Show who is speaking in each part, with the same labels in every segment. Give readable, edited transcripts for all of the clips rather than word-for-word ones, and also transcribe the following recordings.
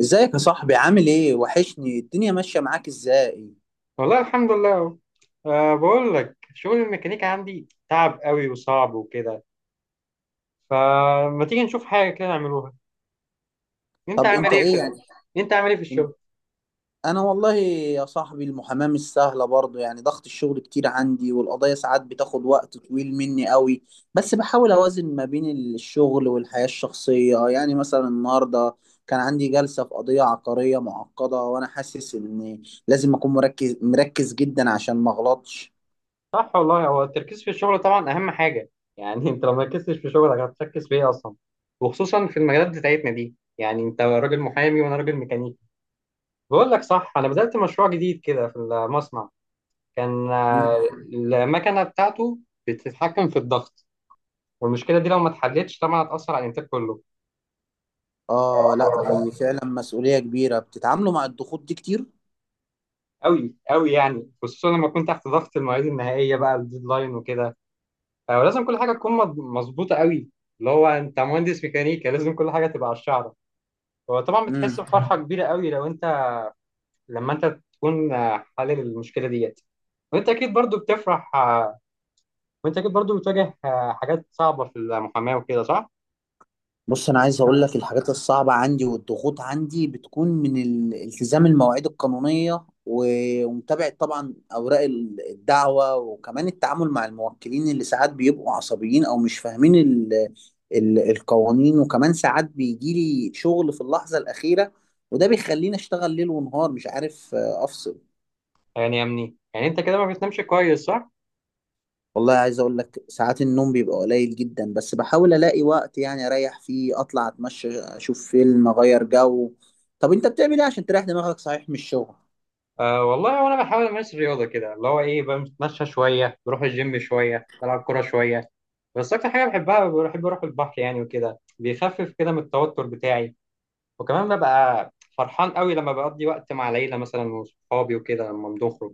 Speaker 1: ازيك يا صاحبي؟ عامل ايه؟ وحشني. الدنيا ماشية معاك ازاي؟
Speaker 2: والله الحمد لله اهو. بقول لك شغل الميكانيكا عندي تعب قوي وصعب وكده. فما تيجي نشوف حاجه كده نعملوها. انت
Speaker 1: طب
Speaker 2: عامل
Speaker 1: انت
Speaker 2: ايه في
Speaker 1: ايه
Speaker 2: ال-
Speaker 1: يعني؟
Speaker 2: انت عامل ايه في الشغل؟
Speaker 1: انا والله يا صاحبي، المحاماة مش سهلة برضه، يعني ضغط الشغل كتير عندي، والقضايا ساعات بتاخد وقت طويل مني قوي. بس بحاول اوازن ما بين الشغل والحياة الشخصية. يعني مثلا النهاردة كان عندي جلسة في قضية عقارية معقدة، وانا حاسس ان لازم اكون مركز مركز جدا عشان ما اغلطش.
Speaker 2: صح والله، هو التركيز في الشغل طبعا اهم حاجه. يعني انت لو ما ركزتش في شغلك هتركز في ايه اصلا؟ وخصوصا في المجالات بتاعتنا دي، يعني انت راجل محامي وانا راجل ميكانيكي. بقول لك صح، انا بدأت مشروع جديد كده في المصنع. كان
Speaker 1: مم.
Speaker 2: المكنه بتاعته بتتحكم في الضغط. والمشكله دي لو ما اتحلتش طبعا هتأثر على الانتاج كله.
Speaker 1: اه، لا دي فعلا مسؤولية كبيرة. بتتعاملوا مع الضغوط دي كتير؟
Speaker 2: قوي قوي، يعني خصوصا لما تكون تحت ضغط المواعيد النهائيه بقى، الديدلاين وكده. فلازم كل حاجه تكون مظبوطه قوي. اللي هو انت مهندس ميكانيكا، لازم كل حاجه تبقى على الشعره. هو طبعا
Speaker 1: مم.
Speaker 2: بتحس بفرحه كبيره قوي لو انت لما انت تكون حلل المشكله ديت. وانت اكيد برضو بتفرح. وانت اكيد برضو بتواجه حاجات صعبه في المحاماه وكده، صح؟
Speaker 1: بص، انا عايز اقول لك. الحاجات الصعبه عندي والضغوط عندي بتكون من التزام المواعيد القانونيه، ومتابعه طبعا اوراق الدعوه، وكمان التعامل مع الموكلين اللي ساعات بيبقوا عصبيين او مش فاهمين ال القوانين. وكمان ساعات بيجي لي شغل في اللحظه الاخيره، وده بيخليني اشتغل ليل ونهار، مش عارف افصل.
Speaker 2: يعني يا مني، يعني انت كده ما بتنامش كويس، صح؟
Speaker 1: والله عايز اقول لك، ساعات النوم بيبقى قليل جدا، بس بحاول الاقي وقت يعني اريح فيه، اطلع اتمشى، اشوف فيلم، اغير جو. طب انت بتعمل ايه عشان تريح دماغك، صحيح من الشغل؟
Speaker 2: أه والله، وانا بحاول امارس الرياضه كده، اللي هو ايه، بتمشى شويه، بروح الجيم شويه، بلعب كوره شويه. بس اكتر حاجه بحبها، بحب اروح البحر يعني، وكده بيخفف كده من التوتر بتاعي. وكمان ببقى فرحان قوي لما بقضي وقت مع العيله مثلا وصحابي وكده لما بنخرج.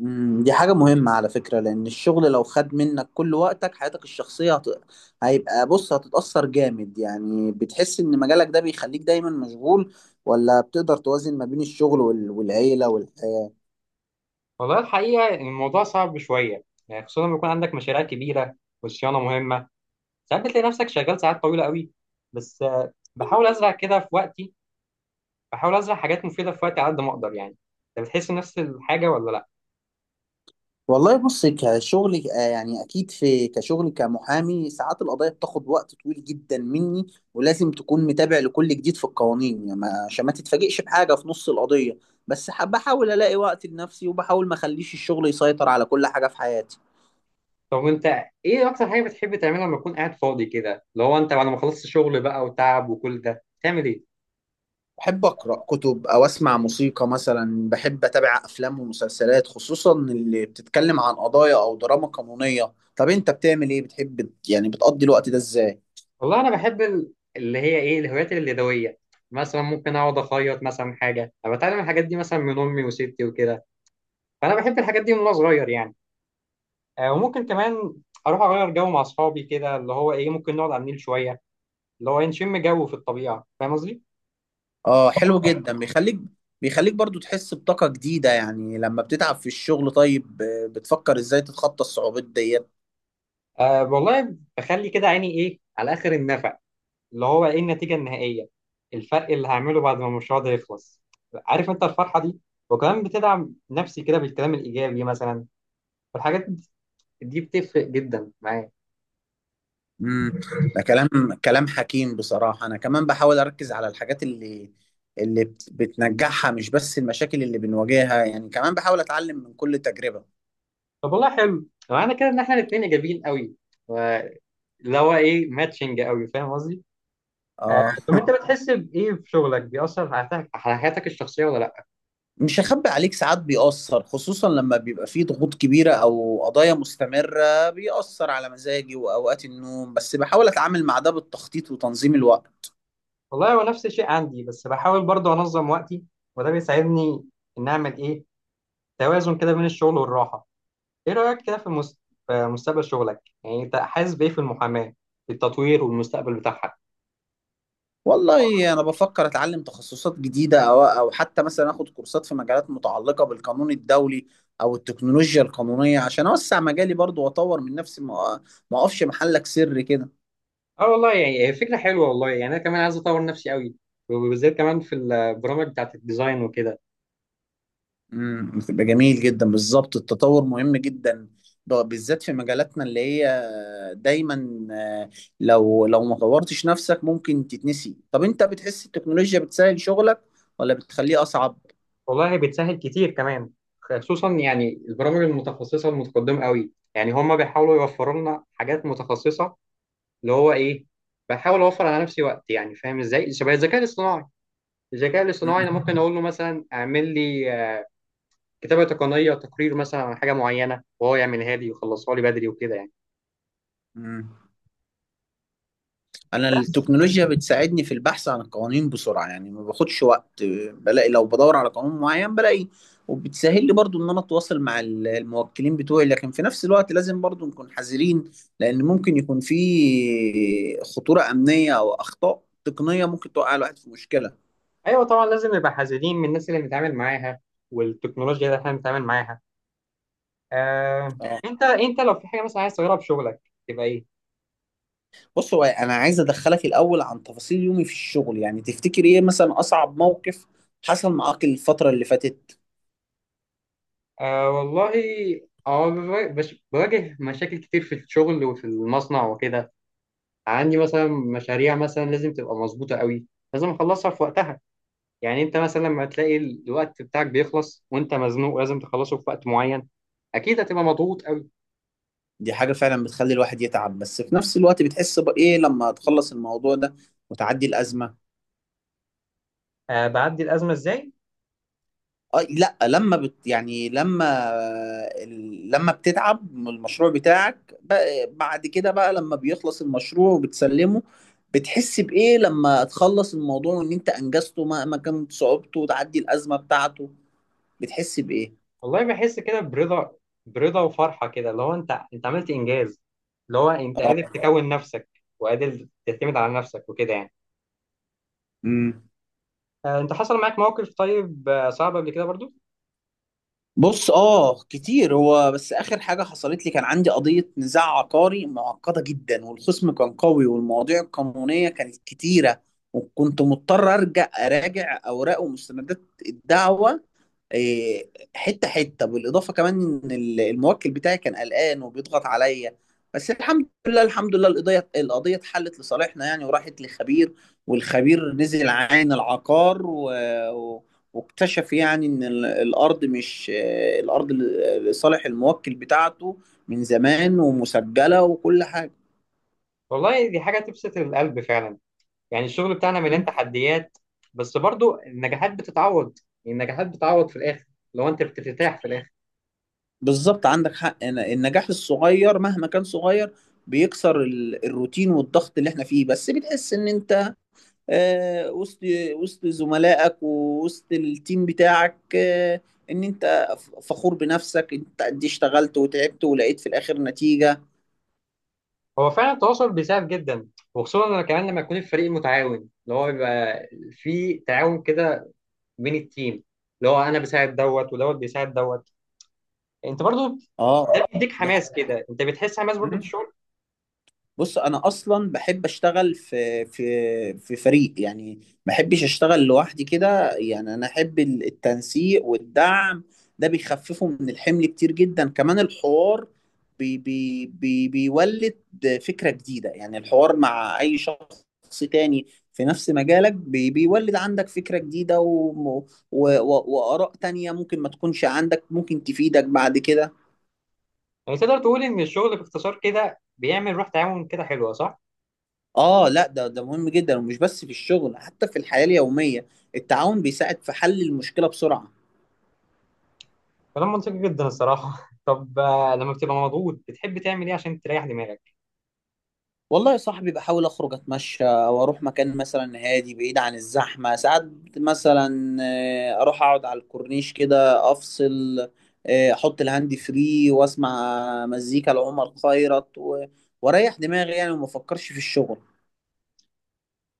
Speaker 1: دي حاجة مهمة على فكرة، لان الشغل لو خد منك كل وقتك، حياتك الشخصية هيبقى، بص هتتأثر جامد. يعني بتحس ان مجالك ده بيخليك دايما مشغول، ولا بتقدر توازن ما بين الشغل والعيلة والحياة؟
Speaker 2: والله الحقيقه إن الموضوع صعب شويه، يعني خصوصا لما يكون عندك مشاريع كبيره وصيانه مهمه. ساعات بتلاقي نفسك شغال ساعات طويله قوي. بس بحاول ازرع كده في وقتي. بحاول ازرع حاجات مفيده في وقتي على قد ما اقدر يعني. انت بتحس نفس الحاجه ولا لا؟
Speaker 1: والله بص، كشغل يعني اكيد في كشغل كمحامي، ساعات القضايا بتاخد وقت طويل جدا مني. ولازم تكون متابع لكل جديد في القوانين، يعني عشان ما تتفاجئش بحاجه في نص القضيه. بس بحاول الاقي وقت لنفسي، وبحاول ما اخليش الشغل يسيطر على كل حاجه في حياتي.
Speaker 2: طب وانت، ايه اكتر حاجه بتحب تعملها لما تكون قاعد فاضي كده، اللي هو انت بعد ما خلصت شغل بقى وتعب وكل ده تعمل ايه؟
Speaker 1: بحب اقرا كتب، او اسمع موسيقى. مثلا بحب اتابع افلام ومسلسلات خصوصا اللي بتتكلم عن قضايا او دراما قانونيه. طب انت بتعمل ايه؟ بتحب يعني بتقضي الوقت ده ازاي؟
Speaker 2: والله انا بحب اللي هي ايه، الهوايات اليدويه. مثلا ممكن اقعد اخيط مثلا حاجه. انا بتعلم الحاجات دي مثلا من امي وستي وكده. فانا بحب الحاجات دي من وانا صغير يعني. وممكن كمان اروح اغير جو مع اصحابي كده، اللي هو ايه، ممكن نقعد على النيل شويه، اللي هو إيه، نشم جو في الطبيعه، فاهم قصدي.
Speaker 1: اه حلو جدا. بيخليك برضو تحس بطاقة جديدة يعني لما بتتعب في الشغل. طيب بتفكر ازاي تتخطى الصعوبات ديت؟
Speaker 2: أه والله، بخلي كده عيني ايه على اخر النفق، اللي هو ايه، النتيجه النهائيه، الفرق اللي هعمله بعد ما المشروع ده يخلص. عارف انت الفرحه دي؟ وكمان بتدعم نفسي كده بالكلام الايجابي مثلا، والحاجات دي بتفرق جدا معايا.
Speaker 1: امم ده كلام حكيم بصراحة. انا كمان بحاول اركز على الحاجات اللي بتنجحها، مش بس المشاكل اللي بنواجهها. يعني كمان بحاول اتعلم من كل تجربة.
Speaker 2: طب والله، حلو، معنى كده ان احنا الاثنين ايجابيين قوي، اللي هو ايه ماتشنج قوي، فاهم قصدي.
Speaker 1: اه،
Speaker 2: طب انت، بتحس بايه في شغلك بيأثر على حياتك الشخصيه ولا لا؟
Speaker 1: مش هخبي عليك، ساعات بيأثر خصوصا لما بيبقى فيه ضغوط كبيرة او قضايا مستمرة، بيأثر على مزاجي واوقات النوم. بس بحاول اتعامل مع ده بالتخطيط وتنظيم الوقت.
Speaker 2: والله هو نفس الشيء عندي، بس بحاول برضه انظم وقتي. وده بيساعدني ان اعمل ايه، توازن كده بين الشغل والراحه. ايه رأيك كده في في مستقبل شغلك، يعني انت حاسس بايه في المحاماة، في التطوير والمستقبل بتاعها؟
Speaker 1: والله انا بفكر اتعلم تخصصات جديده، او حتى مثلا اخد كورسات في مجالات متعلقه بالقانون الدولي او التكنولوجيا القانونيه، عشان اوسع مجالي برضو واطور من نفسي، ما اقفش محلك سر كده.
Speaker 2: اه والله يعني، هي فكرة حلوة، والله يعني انا كمان عايز اطور نفسي قوي، وبالذات كمان في البرامج بتاعت الديزاين وكده.
Speaker 1: بتبقى جميل جدا. بالظبط التطور مهم جدا، بالذات في مجالاتنا اللي هي دايما لو ما طورتش نفسك ممكن تتنسي. طب انت بتحس التكنولوجيا بتسهل شغلك ولا بتخليه اصعب؟
Speaker 2: والله بتسهل كتير كمان، خصوصا يعني البرامج المتخصصة المتقدمة قوي، يعني هما بيحاولوا يوفروا لنا حاجات متخصصة. اللي هو ايه، بحاول اوفر على نفسي وقت، يعني فاهم ازاي، شبه الذكاء الاصطناعي. الذكاء الاصطناعي انا ممكن اقول له مثلا اعمل لي كتابة تقنية، تقرير مثلا عن حاجة معينة، وهو يعملها لي ويخلصها لي بدري وكده يعني.
Speaker 1: امم انا
Speaker 2: بس.
Speaker 1: التكنولوجيا بتساعدني في البحث عن القوانين بسرعه، يعني ما باخدش وقت، بلاقي. لو بدور على قانون معين بلاقي. وبتسهل لي برضو ان انا اتواصل مع الموكلين بتوعي. لكن في نفس الوقت لازم برضو نكون حذرين، لان ممكن يكون في خطوره امنيه او اخطاء تقنيه، ممكن توقع الواحد في مشكله.
Speaker 2: أيوة طبعا، لازم نبقى حذرين من الناس اللي بنتعامل معاها، والتكنولوجيا اللي احنا بنتعامل معاها. آه،
Speaker 1: اه.
Speaker 2: أنت لو في حاجة مثلا عايز تغيرها في شغلك، تبقى إيه؟
Speaker 1: بص هو انا عايز ادخلك الاول عن تفاصيل يومي في الشغل. يعني تفتكر ايه مثلا اصعب موقف حصل معاك الفتره اللي فاتت؟
Speaker 2: آه والله، اه بواجه بواجه مشاكل كتير في الشغل وفي المصنع وكده. عندي مثلا مشاريع مثلا لازم تبقى مظبوطة قوي، لازم اخلصها في وقتها. يعني انت مثلا لما تلاقي الوقت بتاعك بيخلص وانت مزنوق، لازم تخلصه في وقت معين، اكيد هتبقى مضغوط قوي.
Speaker 1: دي حاجة فعلا بتخلي الواحد يتعب، بس في نفس الوقت بتحس بإيه لما تخلص الموضوع ده وتعدي الأزمة؟
Speaker 2: آه، بعدي الازمه ازاي.
Speaker 1: أه لا، لما بت يعني لما بتتعب من المشروع بتاعك، بعد كده بقى لما بيخلص المشروع وبتسلمه، بتحس بإيه لما تخلص الموضوع، وإن أنت أنجزته مهما كانت صعوبته، وتعدي الأزمة بتاعته؟ بتحس بإيه؟
Speaker 2: والله بحس كده برضا، برضا وفرحه كده، اللي هو انت عملت انجاز، اللي هو انت
Speaker 1: اه.
Speaker 2: قادر تكون نفسك وقادر تعتمد على نفسك وكده يعني.
Speaker 1: امم
Speaker 2: آه، انت حصل معاك موقف طيب، صعب قبل كده برضو؟
Speaker 1: بص، اه كتير. هو بس اخر حاجه حصلت لي كان عندي قضيه نزاع عقاري معقده جدا، والخصم كان قوي، والمواضيع القانونيه كانت كتيره، وكنت مضطر اراجع اوراق ومستندات الدعوه إيه، حته حته، بالاضافه كمان ان الموكل بتاعي كان قلقان وبيضغط عليا. بس الحمد لله، الحمد لله القضيه اتحلت لصالحنا يعني، وراحت لخبير. والخبير نزل عين العقار، و- واكتشف يعني ان الارض مش الارض لصالح الموكل بتاعته من زمان، ومسجله وكل حاجه.
Speaker 2: والله دي حاجه تبسط القلب فعلا. يعني الشغل بتاعنا مليان
Speaker 1: مم.
Speaker 2: تحديات، بس برضو النجاحات بتتعوض، النجاحات بتتعوض في الاخر لو انت بترتاح في الاخر.
Speaker 1: بالظبط عندك حق. النجاح الصغير مهما كان صغير بيكسر الروتين والضغط اللي احنا فيه، بس بتحس ان انت آه، وسط وسط زملائك ووسط التيم بتاعك، ان انت فخور بنفسك، انت قد إيه اشتغلت وتعبت ولقيت في الاخر نتيجة.
Speaker 2: هو فعلا التواصل بيساعد جدا، وخصوصا لما كمان لما يكون الفريق متعاون، اللي هو بيبقى في تعاون كده بين التيم، اللي هو انا بساعد دوت ودوت بيساعد دوت، انت برضو.
Speaker 1: اه،
Speaker 2: ده بيديك
Speaker 1: دي
Speaker 2: حماس كده، انت بتحس حماس برضو في
Speaker 1: حاجة.
Speaker 2: الشغل.
Speaker 1: بص انا اصلا بحب اشتغل في فريق يعني، ما بحبش اشتغل لوحدي كده، يعني انا احب التنسيق والدعم. ده بيخففه من الحمل كتير جدا. كمان الحوار بي بي بي بيولد فكرة جديدة يعني، الحوار مع اي شخص تاني في نفس مجالك بيولد عندك فكرة جديدة، وآراء تانية ممكن ما تكونش عندك، ممكن تفيدك بعد كده.
Speaker 2: يعني تقدر تقول ان الشغل باختصار كده بيعمل روح تعاون كده حلوه، صح؟
Speaker 1: اه لا، ده مهم جدا، ومش بس في الشغل حتى في الحياة اليومية. التعاون بيساعد في حل المشكلة بسرعة.
Speaker 2: كلام منطقي جدا الصراحه. طب لما بتبقى مضغوط بتحب تعمل ايه عشان تريح دماغك؟
Speaker 1: والله يا صاحبي بحاول اخرج، اتمشى، او اروح مكان مثلا هادي بعيد عن الزحمة. ساعات مثلا اروح اقعد على الكورنيش كده، افصل، احط الهاند فري واسمع مزيكا لعمر خيرت، واريح دماغي يعني، وما افكرش في الشغل.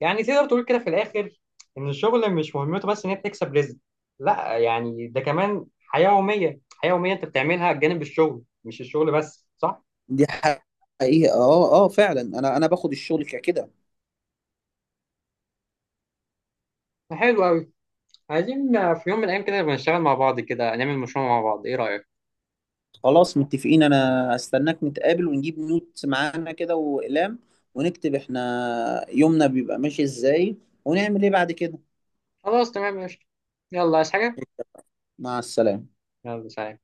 Speaker 2: يعني تقدر تقول كده في الاخر ان الشغل مش مهمته بس ان هي بتكسب رزق، لا، يعني ده كمان حياه يوميه، حياه يوميه انت بتعملها جانب الشغل، مش الشغل بس، صح؟
Speaker 1: دي حقيقة. اه، اه فعلا، انا باخد الشغل كده.
Speaker 2: حلو قوي. عايزين في يوم من الأيام كده نبقى نشتغل مع بعض، كده نعمل مشروع مع بعض، إيه رأيك؟
Speaker 1: خلاص متفقين. انا هستناك نتقابل، ونجيب نوت معانا كده واقلام، ونكتب احنا يومنا بيبقى ماشي ازاي ونعمل ايه بعد كده.
Speaker 2: خلاص تمام ماشي. يلا، عايز حاجة؟
Speaker 1: مع السلامة.
Speaker 2: يلا سلام.